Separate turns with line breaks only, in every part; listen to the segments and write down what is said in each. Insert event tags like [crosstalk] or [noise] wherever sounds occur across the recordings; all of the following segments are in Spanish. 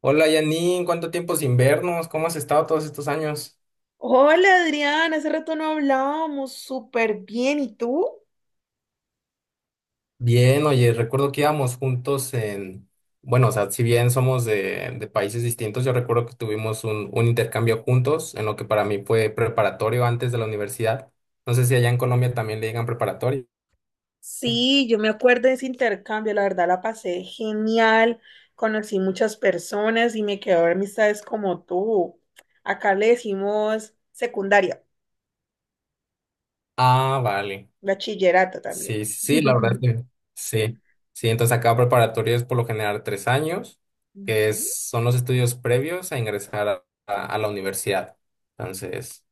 Hola Janine, ¿cuánto tiempo sin vernos? ¿Cómo has estado todos estos años?
Hola Adriana, hace rato no hablábamos súper bien. ¿Y tú?
Bien, oye, recuerdo que íbamos juntos en, bueno, o sea, si bien somos de, países distintos, yo recuerdo que tuvimos un intercambio juntos en lo que para mí fue preparatorio antes de la universidad. No sé si allá en Colombia también le digan preparatorio.
Sí, yo me acuerdo de ese intercambio, la verdad la pasé genial, conocí muchas personas y me quedó amistades como tú. Acá le decimos secundaria,
Ah, vale.
bachillerato también.
Sí, sí, sí, la verdad es
[laughs]
que sí. Sí, entonces acá preparatorio es por lo general 3 años,
Ujú.
son los estudios previos a ingresar a la universidad. Entonces...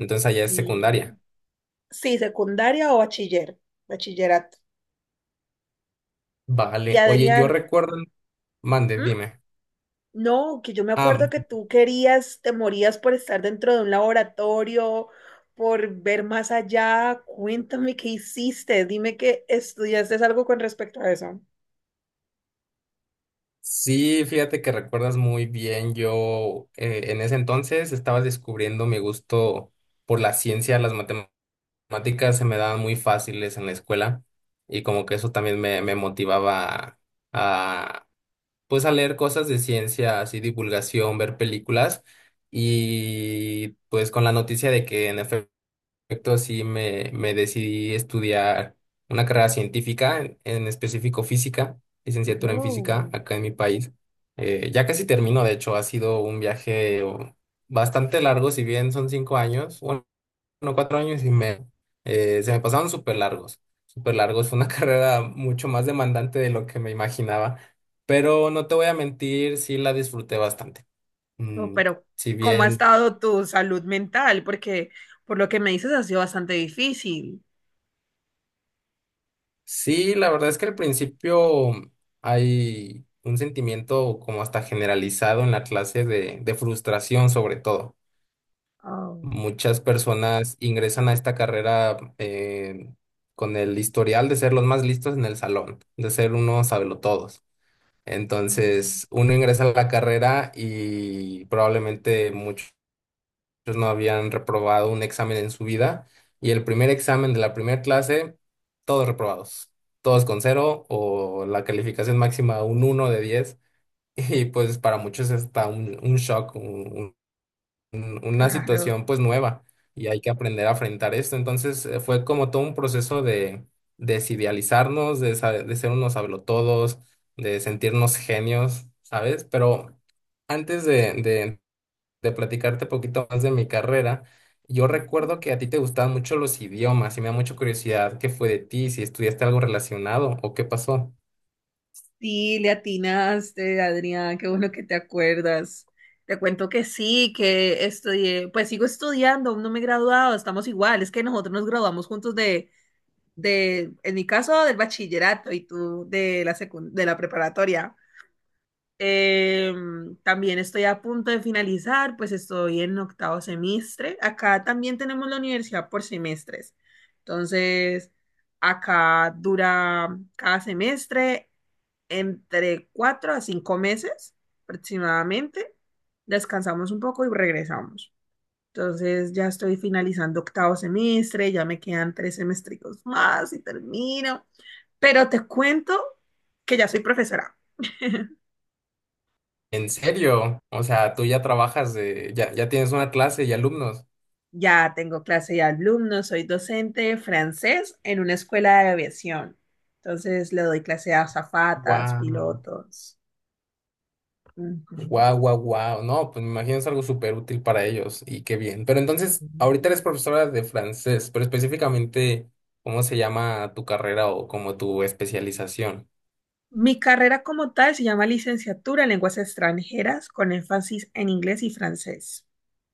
Entonces allá es
Sí,
secundaria.
sí, secundaria o bachiller, bachillerato. Y
Vale. Oye, yo
Adrián.
recuerdo. Mande,
¿Mm?
dime.
No, que yo me
Ah,
acuerdo que tú querías, te morías por estar dentro de un laboratorio, por ver más allá. Cuéntame qué hiciste, dime que estudiaste algo con respecto a eso.
sí, fíjate que recuerdas muy bien. Yo en ese entonces estaba descubriendo mi gusto por la ciencia, las matemáticas se me daban muy fáciles en la escuela y como que eso también me motivaba a, pues a leer cosas de ciencia, así divulgación, ver películas y pues con la noticia de que en efecto, sí me decidí estudiar una carrera científica, en específico física, licenciatura en física
Wow.
acá en mi país. Ya casi termino, de hecho, ha sido un viaje bastante largo, si bien son 5 años, bueno, 4 años y medio, se me pasaron súper largos, súper largos. Fue una [laughs] carrera mucho más demandante de lo que me imaginaba, pero no te voy a mentir, sí la disfruté bastante.
Oh,
Mm,
pero,
si
¿cómo ha
bien
estado tu salud mental? Porque por lo que me dices ha sido bastante difícil.
Sí, la verdad es que al principio hay un sentimiento como hasta generalizado en la clase de, frustración sobre todo.
Oh.
Muchas personas ingresan a esta carrera con el historial de ser los más listos en el salón, de ser unos sabelotodos.
Mm.
Entonces, uno ingresa a la carrera y probablemente muchos ellos no habían reprobado un examen en su vida y el primer examen de la primera clase, todos reprobados, todos con cero o la calificación máxima un 1 de 10 [laughs] y pues para muchos está un shock, una
Claro.
situación pues nueva y hay que aprender a enfrentar esto. Entonces fue como todo un proceso de desidealizarnos, de ser unos hablotodos, de sentirnos genios, ¿sabes? Pero antes de platicarte un poquito más de mi carrera. Yo recuerdo que a ti te gustaban mucho los idiomas y me da mucha curiosidad qué fue de ti, si estudiaste algo relacionado o qué pasó.
Sí, le atinaste, Adrián, qué bueno que te acuerdas. Te cuento que sí, que estudié, pues sigo estudiando, aún no me he graduado, estamos igual, es que nosotros nos graduamos juntos de, en mi caso, del bachillerato y tú de la de la preparatoria. También estoy a punto de finalizar, pues estoy en octavo semestre. Acá también tenemos la universidad por semestres. Entonces, acá dura cada semestre entre 4 a 5 meses aproximadamente, descansamos un poco y regresamos. Entonces ya estoy finalizando octavo semestre, ya me quedan 3 semestricos más y termino. Pero te cuento que ya soy profesora. [laughs]
¿En serio? O sea, tú ya trabajas, ya tienes una clase y alumnos.
Ya tengo clase de alumnos, soy docente de francés en una escuela de aviación. Entonces le doy clase a azafatas,
Wow,
pilotos. Ujú.
wow, wow, wow. No, pues me imagino es algo súper útil para ellos y qué bien. Pero entonces, ahorita eres profesora de francés, pero específicamente, ¿cómo se llama tu carrera o como tu especialización?
Mi carrera como tal se llama Licenciatura en Lenguas Extranjeras con énfasis en inglés y francés.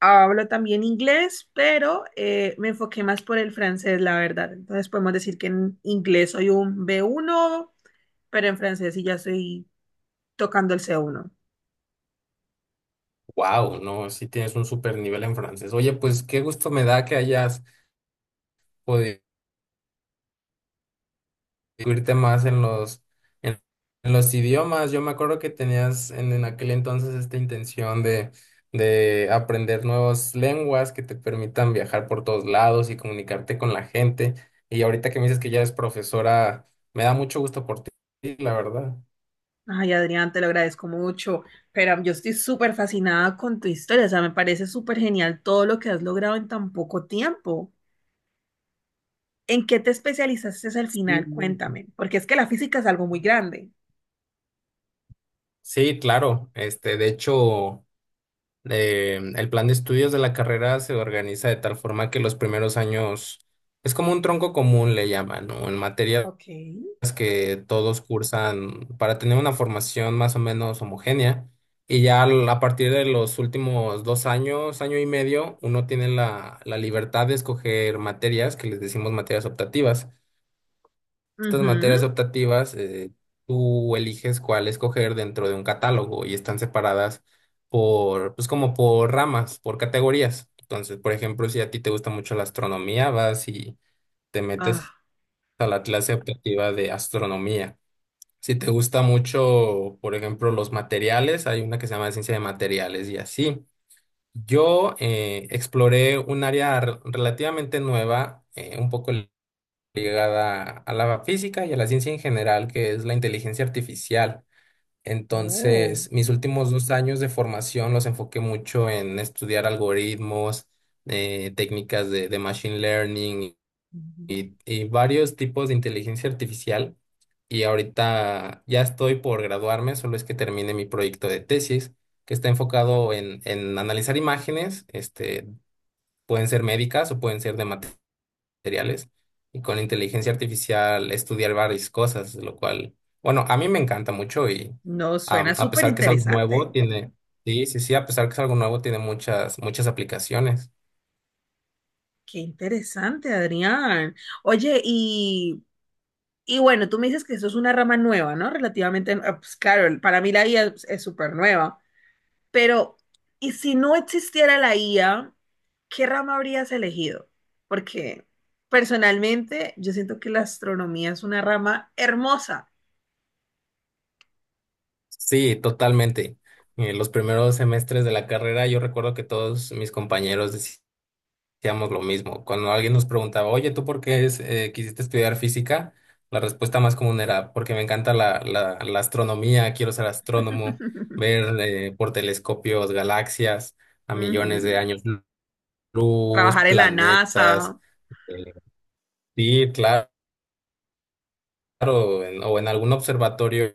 Hablo también inglés, pero me enfoqué más por el francés, la verdad. Entonces podemos decir que en inglés soy un B1, pero en francés sí ya estoy tocando el C1.
Wow, no, sí tienes un super nivel en francés. Oye, pues qué gusto me da que hayas podido irte más en en, los idiomas. Yo me acuerdo que tenías en aquel entonces esta intención de aprender nuevas lenguas que te permitan viajar por todos lados y comunicarte con la gente. Y ahorita que me dices que ya eres profesora, me da mucho gusto por ti, la verdad.
Ay, Adrián, te lo agradezco mucho, pero yo estoy súper fascinada con tu historia. O sea, me parece súper genial todo lo que has logrado en tan poco tiempo. ¿En qué te especializaste al
Sí.
final? Cuéntame, porque es que la física es algo muy grande.
Sí, claro. Este, de hecho. El plan de estudios de la carrera se organiza de tal forma que los primeros años es como un tronco común, le llaman, ¿no? En materias
Ok.
que todos cursan para tener una formación más o menos homogénea. Y ya a partir de los últimos 2 años, año y medio, uno tiene la libertad de escoger materias que les decimos materias optativas. Estas
Ujú.
materias optativas, tú eliges cuál escoger dentro de un catálogo y están separadas pues como por ramas, por categorías. Entonces, por ejemplo, si a ti te gusta mucho la astronomía, vas y te metes
Ah.
a la clase optativa de astronomía. Si te gusta mucho, por ejemplo, los materiales, hay una que se llama ciencia de materiales y así. Yo exploré un área relativamente nueva, un poco ligada a la física y a la ciencia en general, que es la inteligencia artificial.
Oh.
Entonces, mis últimos 2 años de formación los enfoqué mucho en estudiar algoritmos, técnicas de machine learning
Ujú.
y varios tipos de inteligencia artificial. Y ahorita ya estoy por graduarme, solo es que termine mi proyecto de tesis, que está enfocado en analizar imágenes, pueden ser médicas o pueden ser de materiales y con inteligencia artificial estudiar varias cosas, lo cual, bueno, a mí me encanta mucho y
No, suena
a
súper
pesar que es algo nuevo,
interesante.
sí, sí, sí, a pesar que es algo nuevo, tiene muchas, muchas aplicaciones.
Qué interesante, Adrián. Oye, y bueno, tú me dices que eso es una rama nueva, ¿no? Relativamente, ah, pues claro, para mí la IA es súper nueva, pero ¿y si no existiera la IA, qué rama habrías elegido? Porque personalmente yo siento que la astronomía es una rama hermosa.
Sí, totalmente. En los primeros semestres de la carrera yo recuerdo que todos mis compañeros hacíamos lo mismo. Cuando alguien nos preguntaba, oye, ¿tú por qué quisiste estudiar física? La respuesta más común era, porque me encanta la astronomía, quiero ser astrónomo,
[laughs]
ver por telescopios galaxias a millones de
Ujú.
años luz,
Trabajar en la
planetas.
NASA.
eh, sí, claro, o en algún observatorio,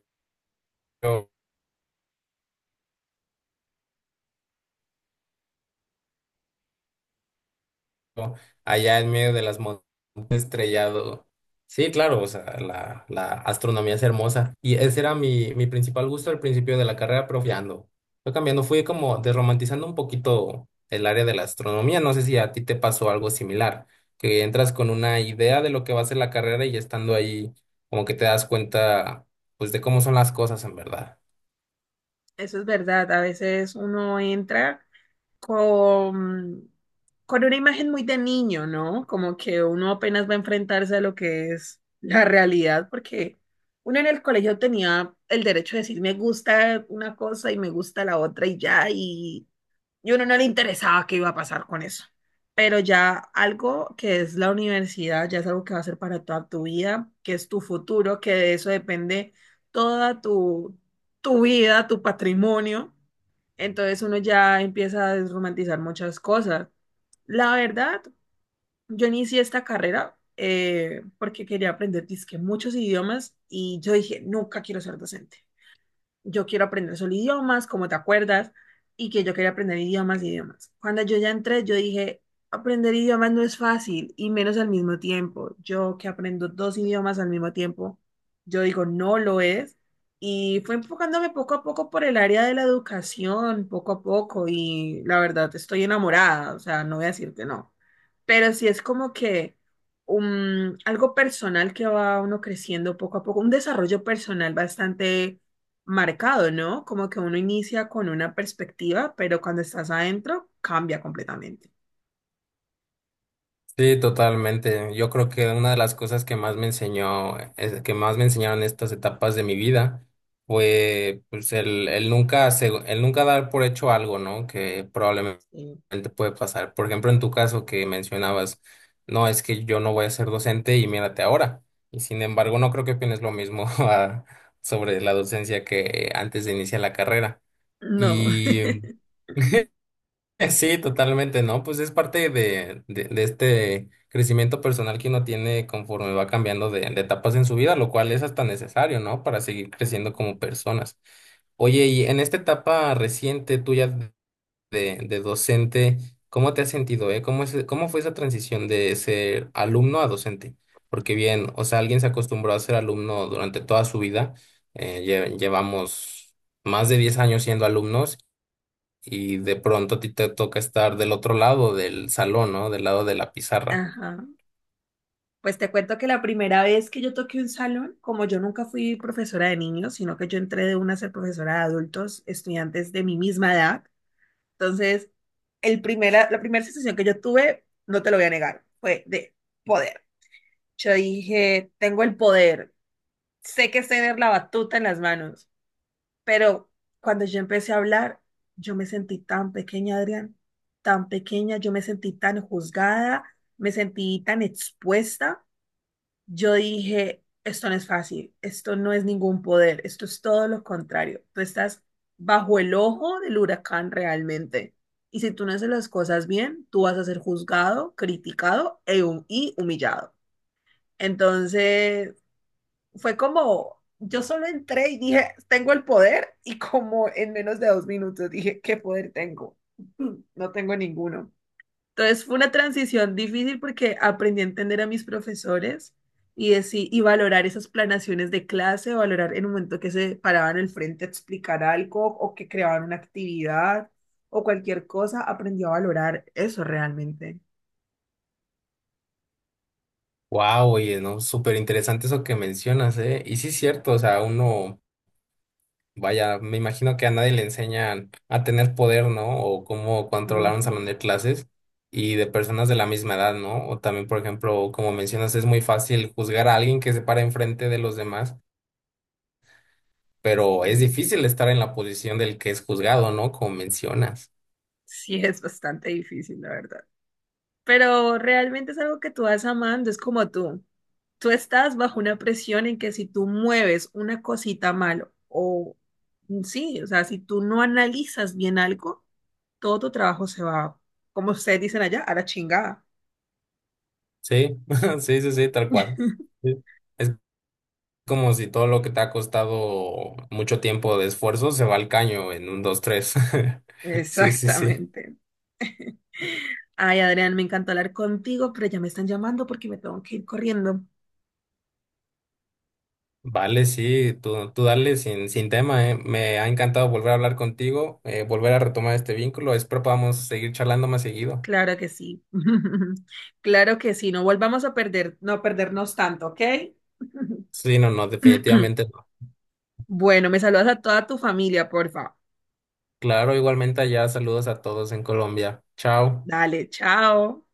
¿no? Allá en medio de las montañas estrellado. Sí, claro, o sea, la astronomía es hermosa. Y ese era mi principal gusto al principio de la carrera, pero fui cambiando. Fue cambiando, fui como desromantizando un poquito el área de la astronomía. No sé si a ti te pasó algo similar, que entras con una idea de lo que va a ser la carrera y estando ahí, como que te das cuenta, pues, de cómo son las cosas en verdad.
Eso es verdad, a veces uno entra con, con una imagen muy de niño, ¿no? Como que uno apenas va a enfrentarse a lo que es la realidad, porque uno en el colegio tenía el derecho de decir me gusta una cosa y me gusta la otra y ya, y uno no le interesaba qué iba a pasar con eso. Pero ya algo que es la universidad, ya es algo que va a ser para toda tu vida, que es tu futuro, que de eso depende toda tu vida, tu patrimonio. Entonces uno ya empieza a desromantizar muchas cosas. La verdad, yo inicié esta carrera porque quería aprender dizque muchos idiomas y yo dije, nunca quiero ser docente, yo quiero aprender solo idiomas, como te acuerdas, y que yo quería aprender idiomas, idiomas. Cuando yo ya entré, yo dije, aprender idiomas no es fácil, y menos al mismo tiempo. Yo que aprendo dos idiomas al mismo tiempo, yo digo, no lo es. Y fue enfocándome poco a poco por el área de la educación, poco a poco, y la verdad estoy enamorada, o sea, no voy a decirte no. Pero sí es como que algo personal que va uno creciendo poco a poco, un desarrollo personal bastante marcado, ¿no? Como que uno inicia con una perspectiva, pero cuando estás adentro cambia completamente.
Sí, totalmente. Yo creo que una de las cosas que más que más me enseñaron estas etapas de mi vida fue pues el nunca dar por hecho algo, ¿no? Que probablemente
Sí.
puede pasar. Por ejemplo, en tu caso que mencionabas, no, es que yo no voy a ser docente y mírate ahora. Y sin embargo, no creo que opines lo mismo [laughs] sobre la docencia que antes de iniciar la carrera.
No. [laughs]
[laughs] Sí, totalmente, ¿no? Pues es parte de este crecimiento personal que uno tiene conforme va cambiando de etapas en su vida, lo cual es hasta necesario, ¿no? Para seguir creciendo como personas. Oye, y en esta etapa reciente tuya de docente, ¿cómo te has sentido, eh? ¿Cómo cómo fue esa transición de ser alumno a docente? Porque bien, o sea, alguien se acostumbró a ser alumno durante toda su vida, llevamos más de 10 años siendo alumnos y de pronto a ti te toca estar del otro lado del salón, ¿no? Del lado de la pizarra.
Ajá. Pues te cuento que la primera vez que yo toqué un salón, como yo nunca fui profesora de niños, sino que yo entré de una a ser profesora de adultos, estudiantes de mi misma edad. Entonces, la primera sensación que yo tuve, no te lo voy a negar, fue de poder. Yo dije, tengo el poder, sé que es tener la batuta en las manos. Pero cuando yo empecé a hablar, yo me sentí tan pequeña, Adrián, tan pequeña, yo me sentí tan juzgada, me sentí tan expuesta. Yo dije, esto no es fácil, esto no es ningún poder, esto es todo lo contrario. Tú estás bajo el ojo del huracán realmente. Y si tú no haces las cosas bien, tú vas a ser juzgado, criticado y humillado. Entonces, fue como, yo solo entré y dije, tengo el poder y como en menos de 2 minutos dije, ¿qué poder tengo? [laughs] No tengo ninguno. Entonces fue una transición difícil porque aprendí a entender a mis profesores y valorar esas planaciones de clase, valorar en un momento que se paraban al frente a explicar algo o que creaban una actividad o cualquier cosa, aprendí a valorar eso realmente.
Wow, oye, ¿no? Súper interesante eso que mencionas, ¿eh? Y sí es cierto, o sea, uno, vaya, me imagino que a nadie le enseñan a tener poder, ¿no? O cómo controlar un salón
Ujú.
de clases y de personas de la misma edad, ¿no? O también, por ejemplo, como mencionas, es muy fácil juzgar a alguien que se para enfrente de los demás, pero es
Sí,
difícil estar en la posición del que es juzgado, ¿no? Como mencionas.
sí es bastante difícil, la verdad. Pero realmente es algo que tú vas amando, es como tú. Tú estás bajo una presión en que si tú mueves una cosita mal o sí, o sea, si tú no analizas bien algo, todo tu trabajo se va, como ustedes dicen allá, a la chingada.
Sí, [laughs] sí, sí, sí, tal cual.
[laughs]
Sí. Es como si todo lo que te ha costado mucho tiempo de esfuerzo se va al caño en un, dos, tres. [laughs] Sí, sí, sí.
Exactamente. Ay, Adrián, me encantó hablar contigo, pero ya me están llamando porque me tengo que ir corriendo.
Vale, sí, tú dale sin tema, ¿eh? Me ha encantado volver a hablar contigo, volver a retomar este vínculo. Espero podamos seguir charlando más seguido.
Claro que sí. [laughs] Claro que sí, no volvamos a perder, no perdernos tanto, ¿ok?
Sí, no, no,
[laughs] [clears throat]
definitivamente no.
Bueno, me saludas a toda tu familia, por favor.
Claro, igualmente allá, saludos a todos en Colombia. Chao.
Dale, chao.